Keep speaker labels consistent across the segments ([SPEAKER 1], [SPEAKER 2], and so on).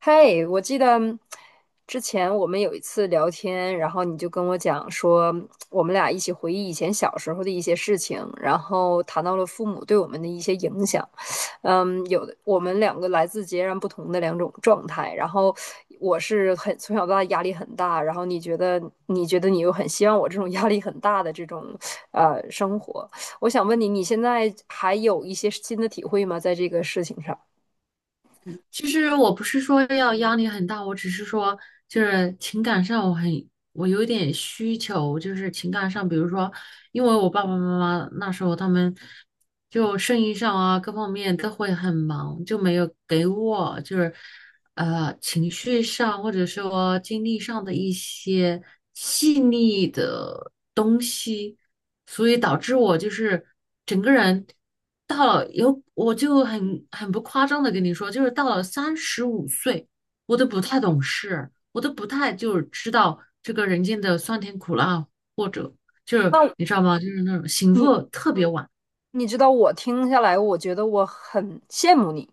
[SPEAKER 1] 嘿，我记得之前我们有一次聊天，然后你就跟我讲说，我们俩一起回忆以前小时候的一些事情，然后谈到了父母对我们的一些影响。嗯，有的我们两个来自截然不同的两种状态，然后我是很从小到大压力很大，然后你觉得你又很希望我这种压力很大的这种生活，我想问你，你现在还有一些新的体会吗？在这个事情上？
[SPEAKER 2] 其实我不是说要压力很大，我只是说就是情感上我有点需求，就是情感上，比如说，因为我爸爸妈妈那时候他们就生意上啊各方面都会很忙，就没有给我就是情绪上或者说经历上的一些细腻的东西，所以导致我就是整个人到了有我就很不夸张的跟你说，就是到了35岁，我都不太懂事，我都不太就是知道这个人间的酸甜苦辣，或者就是
[SPEAKER 1] 那
[SPEAKER 2] 你知道吗？就是那种醒
[SPEAKER 1] 你
[SPEAKER 2] 悟特别晚，
[SPEAKER 1] 你知道我听下来，我觉得我很羡慕你。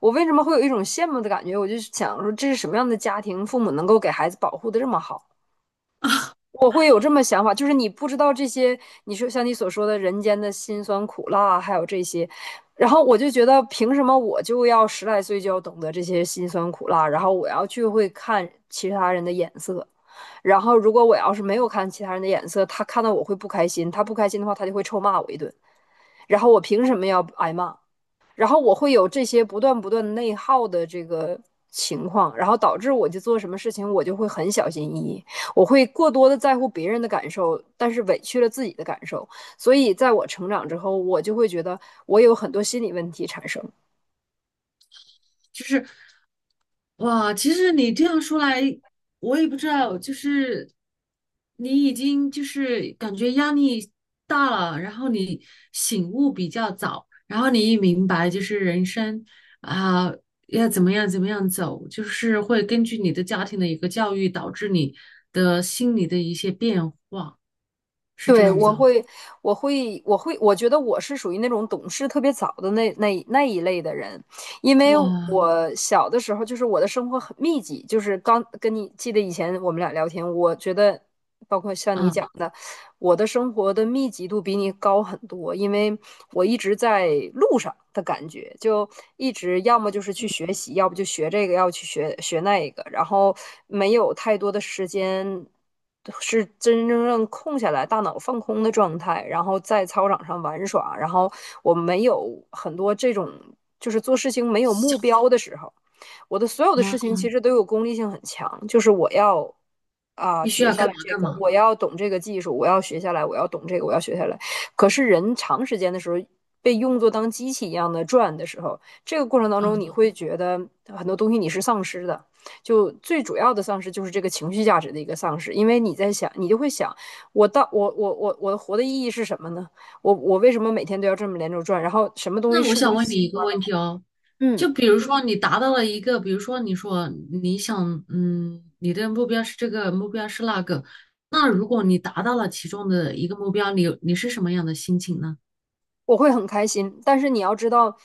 [SPEAKER 1] 我为什么会有一种羡慕的感觉？我就想说，这是什么样的家庭，父母能够给孩子保护的这么好？我会有这么想法，就是你不知道这些，你说像你所说的人间的辛酸苦辣，还有这些，然后我就觉得，凭什么我就要十来岁就要懂得这些辛酸苦辣？然后我要去会看其他人的眼色，然后如果我要是没有看其他人的眼色，他看到我会不开心，他不开心的话，他就会臭骂我一顿，然后我凭什么要挨骂？然后我会有这些不断不断内耗的这个情况，然后导致我就做什么事情我就会很小心翼翼，我会过多的在乎别人的感受，但是委屈了自己的感受。所以在我成长之后，我就会觉得我有很多心理问题产生。
[SPEAKER 2] 就是。哇，其实你这样说来，我也不知道，就是你已经就是感觉压力大了，然后你醒悟比较早，然后你一明白就是人生啊，要怎么样怎么样走，就是会根据你的家庭的一个教育，导致你的心理的一些变化，是这
[SPEAKER 1] 对，
[SPEAKER 2] 样子啊。
[SPEAKER 1] 我会，我觉得我是属于那种懂事特别早的那一类的人，因为
[SPEAKER 2] 哇，
[SPEAKER 1] 我小的时候就是我的生活很密集，就是刚跟你记得以前我们俩聊天，我觉得包括像你
[SPEAKER 2] 嗯
[SPEAKER 1] 讲的，我的生活的密集度比你高很多，因为我一直在路上的感觉，就一直要么就是去学习，要不就学这个，要不去学那个，然后没有太多的时间是真真正正空下来，大脑放空的状态，然后在操场上玩耍，然后我没有很多这种就是做事情没有目标的时候。我的所有的
[SPEAKER 2] 啊，
[SPEAKER 1] 事情其实都有功利性很强，就是我要啊、
[SPEAKER 2] 必须
[SPEAKER 1] 学
[SPEAKER 2] 要
[SPEAKER 1] 下
[SPEAKER 2] 干
[SPEAKER 1] 来
[SPEAKER 2] 嘛
[SPEAKER 1] 这
[SPEAKER 2] 干
[SPEAKER 1] 个，
[SPEAKER 2] 嘛，
[SPEAKER 1] 我要懂这个技术，我要学下来，我要懂这个，我要学下来。可是人长时间的时候被用作当机器一样的转的时候，这个过程当中
[SPEAKER 2] 嗯。
[SPEAKER 1] 你会觉得很多东西你是丧失的。就最主要的丧失就是这个情绪价值的一个丧失，因为你在想，你就会想，我到我活的意义是什么呢？我为什么每天都要这么连轴转？然后什么东西
[SPEAKER 2] 那我
[SPEAKER 1] 是
[SPEAKER 2] 想
[SPEAKER 1] 我
[SPEAKER 2] 问你
[SPEAKER 1] 喜
[SPEAKER 2] 一
[SPEAKER 1] 欢。
[SPEAKER 2] 个问题哦，
[SPEAKER 1] 嗯。
[SPEAKER 2] 就比如说你达到了一个，比如说你说你想，你的目标是这个，目标是那个，那如果你达到了其中的一个目标，你是什么样的心情呢？
[SPEAKER 1] 我会很开心，但是你要知道，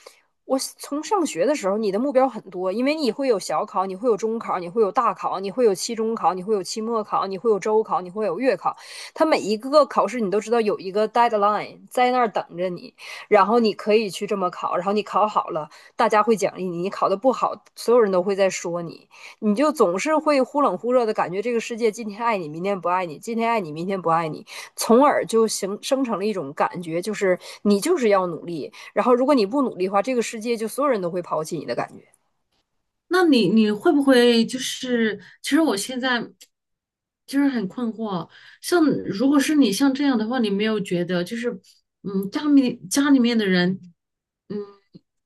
[SPEAKER 1] 我从上学的时候，你的目标很多，因为你会有小考，你会有中考，你会有大考，你会有期中考，你会有期末考，你会有周考，你会有月考。它每一个考试，你都知道有一个 deadline 在那儿等着你，然后你可以去这么考，然后你考好了，大家会奖励你；你考的不好，所有人都会在说你，你就总是会忽冷忽热的感觉，这个世界今天爱你，明天不爱你；今天爱你，明天不爱你。从而就形生成了一种感觉，就是你就是要努力，然后如果你不努力的话，这个世界就所有人都会抛弃你的感觉。
[SPEAKER 2] 那你会不会就是，其实我现在就是很困惑，像如果是你像这样的话，你没有觉得就是，家里面的人，嗯，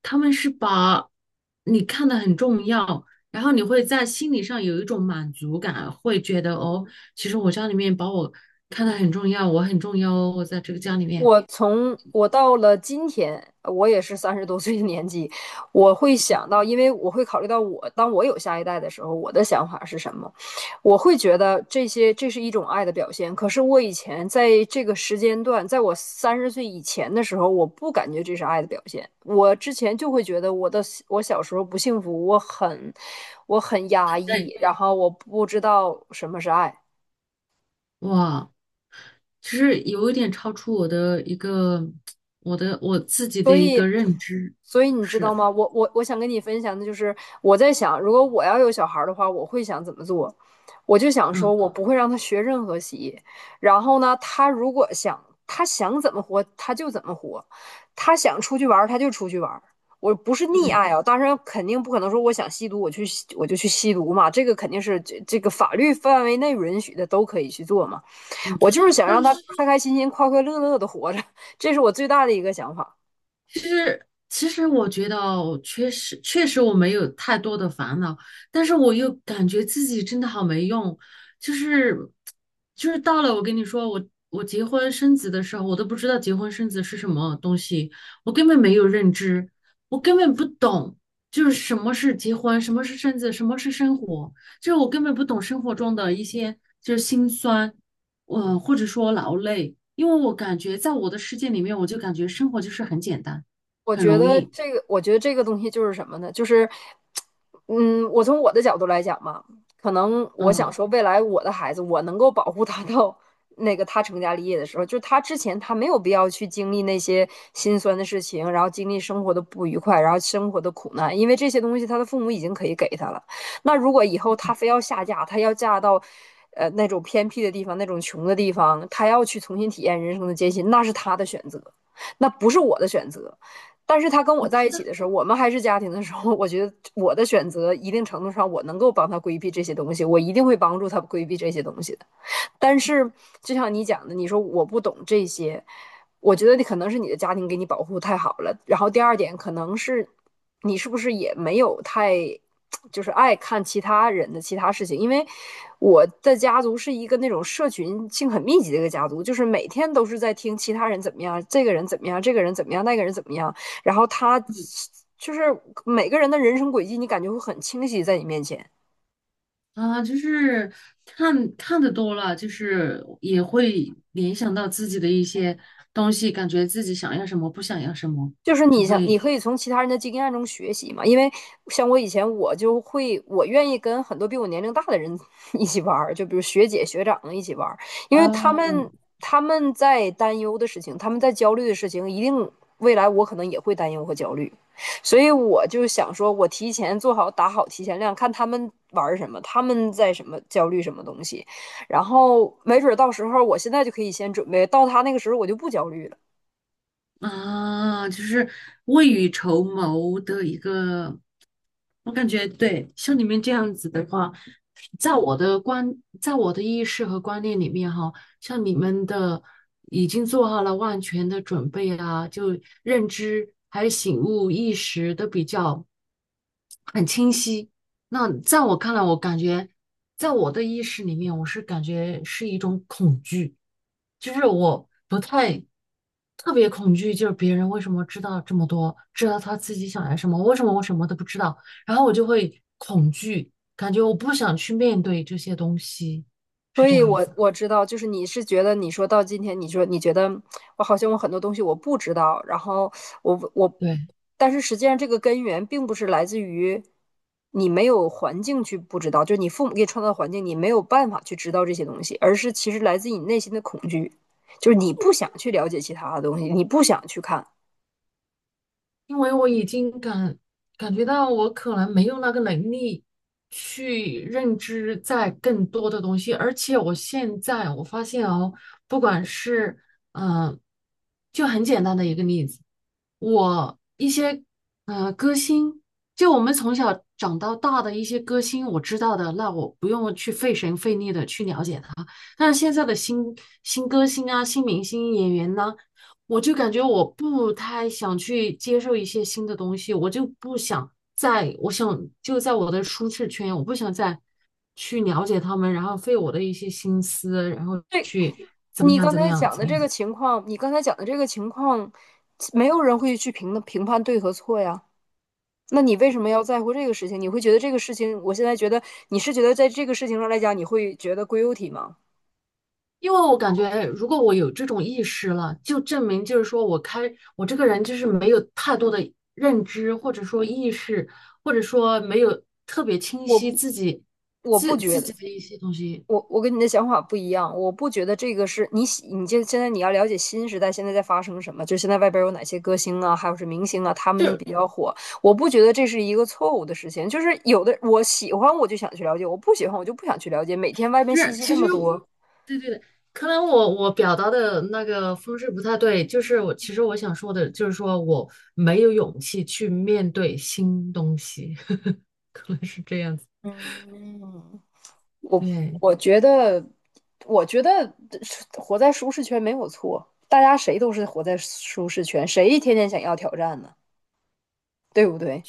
[SPEAKER 2] 他们是把你看得很重要，然后你会在心理上有一种满足感，会觉得哦，其实我家里面把我看得很重要，我很重要哦，我在这个家里面，
[SPEAKER 1] 我从我到了今天，我也是三十多岁的年纪，我会想到，因为我会考虑到我，当我有下一代的时候，我的想法是什么？我会觉得这些这是一种爱的表现。可是我以前在这个时间段，在我三十岁以前的时候，我不感觉这是爱的表现。我之前就会觉得我的我小时候不幸福，我很压
[SPEAKER 2] 对，
[SPEAKER 1] 抑，然后我不知道什么是爱。
[SPEAKER 2] 哇。其实有一点超出我的一个我自己的
[SPEAKER 1] 所
[SPEAKER 2] 一个
[SPEAKER 1] 以，
[SPEAKER 2] 认知，
[SPEAKER 1] 所以你知道
[SPEAKER 2] 是，
[SPEAKER 1] 吗？我我想跟你分享的就是，我在想，如果我要有小孩儿的话，我会想怎么做？我就想说，
[SPEAKER 2] 嗯
[SPEAKER 1] 我不会让他学任何习然后呢，他如果想他想怎么活，他就怎么活；他想出去玩儿，他就出去玩儿。我不是溺
[SPEAKER 2] 嗯
[SPEAKER 1] 爱啊，当然肯定不可能说我想吸毒，我去吸我就去吸毒嘛，这个肯定是这个法律范围内允许的都可以去做嘛。
[SPEAKER 2] 嗯。
[SPEAKER 1] 我就是想
[SPEAKER 2] 那
[SPEAKER 1] 让他开开心心、快快乐乐的活着，这是我最大的一个想法。
[SPEAKER 2] 其实，其实我觉得哦，确实，确实我没有太多的烦恼，但是我又感觉自己真的好没用，就是，就是到了我跟你说，我结婚生子的时候，我都不知道结婚生子是什么东西，我根本没有认知，我根本不懂，就是什么是结婚，什么是生子，什么是生活，就是我根本不懂生活中的一些就是辛酸，或者说劳累，因为我感觉在我的世界里面，我就感觉生活就是很简单，很容易。
[SPEAKER 1] 我觉得这个东西就是什么呢？就是，嗯，我从我的角度来讲嘛，可能我想
[SPEAKER 2] 嗯，
[SPEAKER 1] 说，未来我的孩子，我能够保护他 到那个他成家立业的时候，就是他之前他没有必要去经历那些心酸的事情，然后经历生活的不愉快，然后生活的苦难，因为这些东西他的父母已经可以给他了。那如果以后他非要下嫁，他要嫁到。那种偏僻的地方，那种穷的地方，他要去重新体验人生的艰辛，那是他的选择，那不是我的选择。但是他跟我
[SPEAKER 2] 我
[SPEAKER 1] 在
[SPEAKER 2] 知
[SPEAKER 1] 一
[SPEAKER 2] 道，
[SPEAKER 1] 起的时候，我们还是家庭的时候，我觉得我的选择一定程度上我能够帮他规避这些东西，我一定会帮助他规避这些东西的。但是就像你讲的，你说我不懂这些，我觉得你可能是你的家庭给你保护太好了。然后第二点，可能是你是不是也没有太就是爱看其他人的其他事情？因为我的家族是一个那种社群性很密集的一个家族，就是每天都是在听其他人怎么样，这个人怎么样，这个人怎么样，那个人怎么样，然后他
[SPEAKER 2] 嗯
[SPEAKER 1] 就是每个人的人生轨迹，你感觉会很清晰在你面前。
[SPEAKER 2] 啊，就是看看的多了，就是也会联想到自己的一些东西，感觉自己想要什么，不想要什么，
[SPEAKER 1] 就是
[SPEAKER 2] 就
[SPEAKER 1] 你想，你
[SPEAKER 2] 会
[SPEAKER 1] 可以从其他人的经验中学习嘛。因为像我以前，我就会，我愿意跟很多比我年龄大的人 一起玩儿，就比如学姐、学长一起玩儿，因为
[SPEAKER 2] 哦，
[SPEAKER 1] 他们在担忧的事情，他们在焦虑的事情，一定未来我可能也会担忧和焦虑，所以我就想说，我提前做好打好提前量，看他们玩儿什么，他们在什么焦虑什么东西，然后没准儿到时候我现在就可以先准备，到他那个时候我就不焦虑了。
[SPEAKER 2] 啊，就是未雨绸缪的一个，我感觉对，像你们这样子的话，在我的观，在我的意识和观念里面哈，像你们的已经做好了万全的准备啊，就认知还有醒悟意识都比较很清晰。那在我看来，我感觉在我的意识里面，我是感觉是一种恐惧。就是我不太特别恐惧，就是别人为什么知道这么多，知道他自己想要什么，为什么我什么都不知道，然后我就会恐惧，感觉我不想去面对这些东西，
[SPEAKER 1] 所
[SPEAKER 2] 是这
[SPEAKER 1] 以
[SPEAKER 2] 样
[SPEAKER 1] 我，
[SPEAKER 2] 子。
[SPEAKER 1] 我知道，就是你是觉得，你说到今天，你说你觉得我好像我很多东西我不知道，然后我我，
[SPEAKER 2] 对，
[SPEAKER 1] 但是实际上这个根源并不是来自于你没有环境去不知道，就是你父母给你创造的环境，你没有办法去知道这些东西，而是其实来自你内心的恐惧，就是你不想去了解其他的东西，你不想去看。
[SPEAKER 2] 因为我已经感觉到我可能没有那个能力去认知在更多的东西，而且我现在我发现哦，不管是嗯、呃就很简单的一个例子，我一些歌星，就我们从小长到大的一些歌星，我知道的，那我不用去费神费力的去了解他，但是现在的新歌星啊、新明星演员呢、我就感觉我不太想去接受一些新的东西，我就不想在，我想就在我的舒适圈，我不想再去了解他们，然后费我的一些心思，然后
[SPEAKER 1] 对，
[SPEAKER 2] 去怎么样怎么样怎么样。
[SPEAKER 1] 你刚才讲的这个情况，没有人会去评判对和错呀。那你为什么要在乎这个事情？你会觉得这个事情，我现在觉得你是觉得在这个事情上来讲，你会觉得 g u 体吗？
[SPEAKER 2] 因为我感觉，哎如果我有这种意识了，就证明就是说我这个人就是没有太多的认知，或者说意识，或者说没有特别清
[SPEAKER 1] 我
[SPEAKER 2] 晰自己
[SPEAKER 1] 我不觉得，
[SPEAKER 2] 的一些东西。
[SPEAKER 1] 我跟你的想法不一样，我不觉得这个是你喜你现在你要了解新时代现在在发生什么，就现在外边有哪些歌星啊，还有是明星啊，他们
[SPEAKER 2] 就
[SPEAKER 1] 比较火，我不觉得这是一个错误的事情，就是有的我喜欢我就想去了解，我不喜欢我就不想去了解，每天外边信
[SPEAKER 2] 是
[SPEAKER 1] 息这
[SPEAKER 2] 其实
[SPEAKER 1] 么多，
[SPEAKER 2] 对，可能我表达的那个方式不太对，就是我其实想说的，就是说我没有勇气去面对新东西，可能是这样子。
[SPEAKER 1] 嗯，我
[SPEAKER 2] 对，
[SPEAKER 1] 我觉得，我觉得活在舒适圈没有错，大家谁都是活在舒适圈，谁天天想要挑战呢？对不对？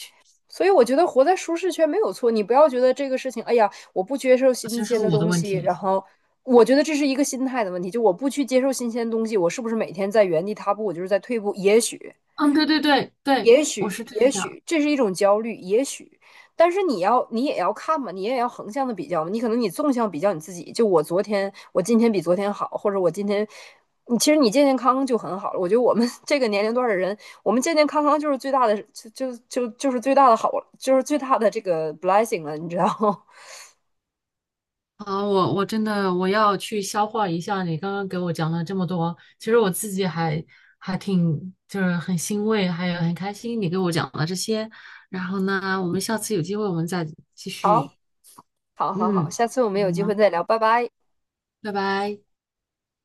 [SPEAKER 1] 所以我觉得活在舒适圈没有错，你不要觉得这个事情，哎呀，我不接受
[SPEAKER 2] 其
[SPEAKER 1] 新
[SPEAKER 2] 实是
[SPEAKER 1] 鲜的
[SPEAKER 2] 我的
[SPEAKER 1] 东
[SPEAKER 2] 问
[SPEAKER 1] 西，然
[SPEAKER 2] 题。
[SPEAKER 1] 后我觉得这是一个心态的问题，就我不去接受新鲜的东西，我是不是每天在原地踏步，我就是在退步？也许，
[SPEAKER 2] 嗯，对，我是这
[SPEAKER 1] 也
[SPEAKER 2] 样想。
[SPEAKER 1] 许这是一种焦虑，也许，但是你要，你也要看嘛，你也要横向的比较嘛。你可能你纵向比较你自己，就我昨天，我今天比昨天好，或者我今天，你其实你健健康康就很好了。我觉得我们这个年龄段的人，我们健健康康就是最大的，就是最大的好，就是最大的这个 blessing 了，你知道吗？
[SPEAKER 2] 好，我真的我要去消化一下你刚刚给我讲了这么多，其实我自己还还挺就是很欣慰，还有很开心你给我讲了这些。然后呢，我们下次有机会我们再继
[SPEAKER 1] 好，
[SPEAKER 2] 续。
[SPEAKER 1] 好，好，
[SPEAKER 2] 嗯，
[SPEAKER 1] 下次我们有机会
[SPEAKER 2] 好。
[SPEAKER 1] 再聊，拜拜。
[SPEAKER 2] 拜拜。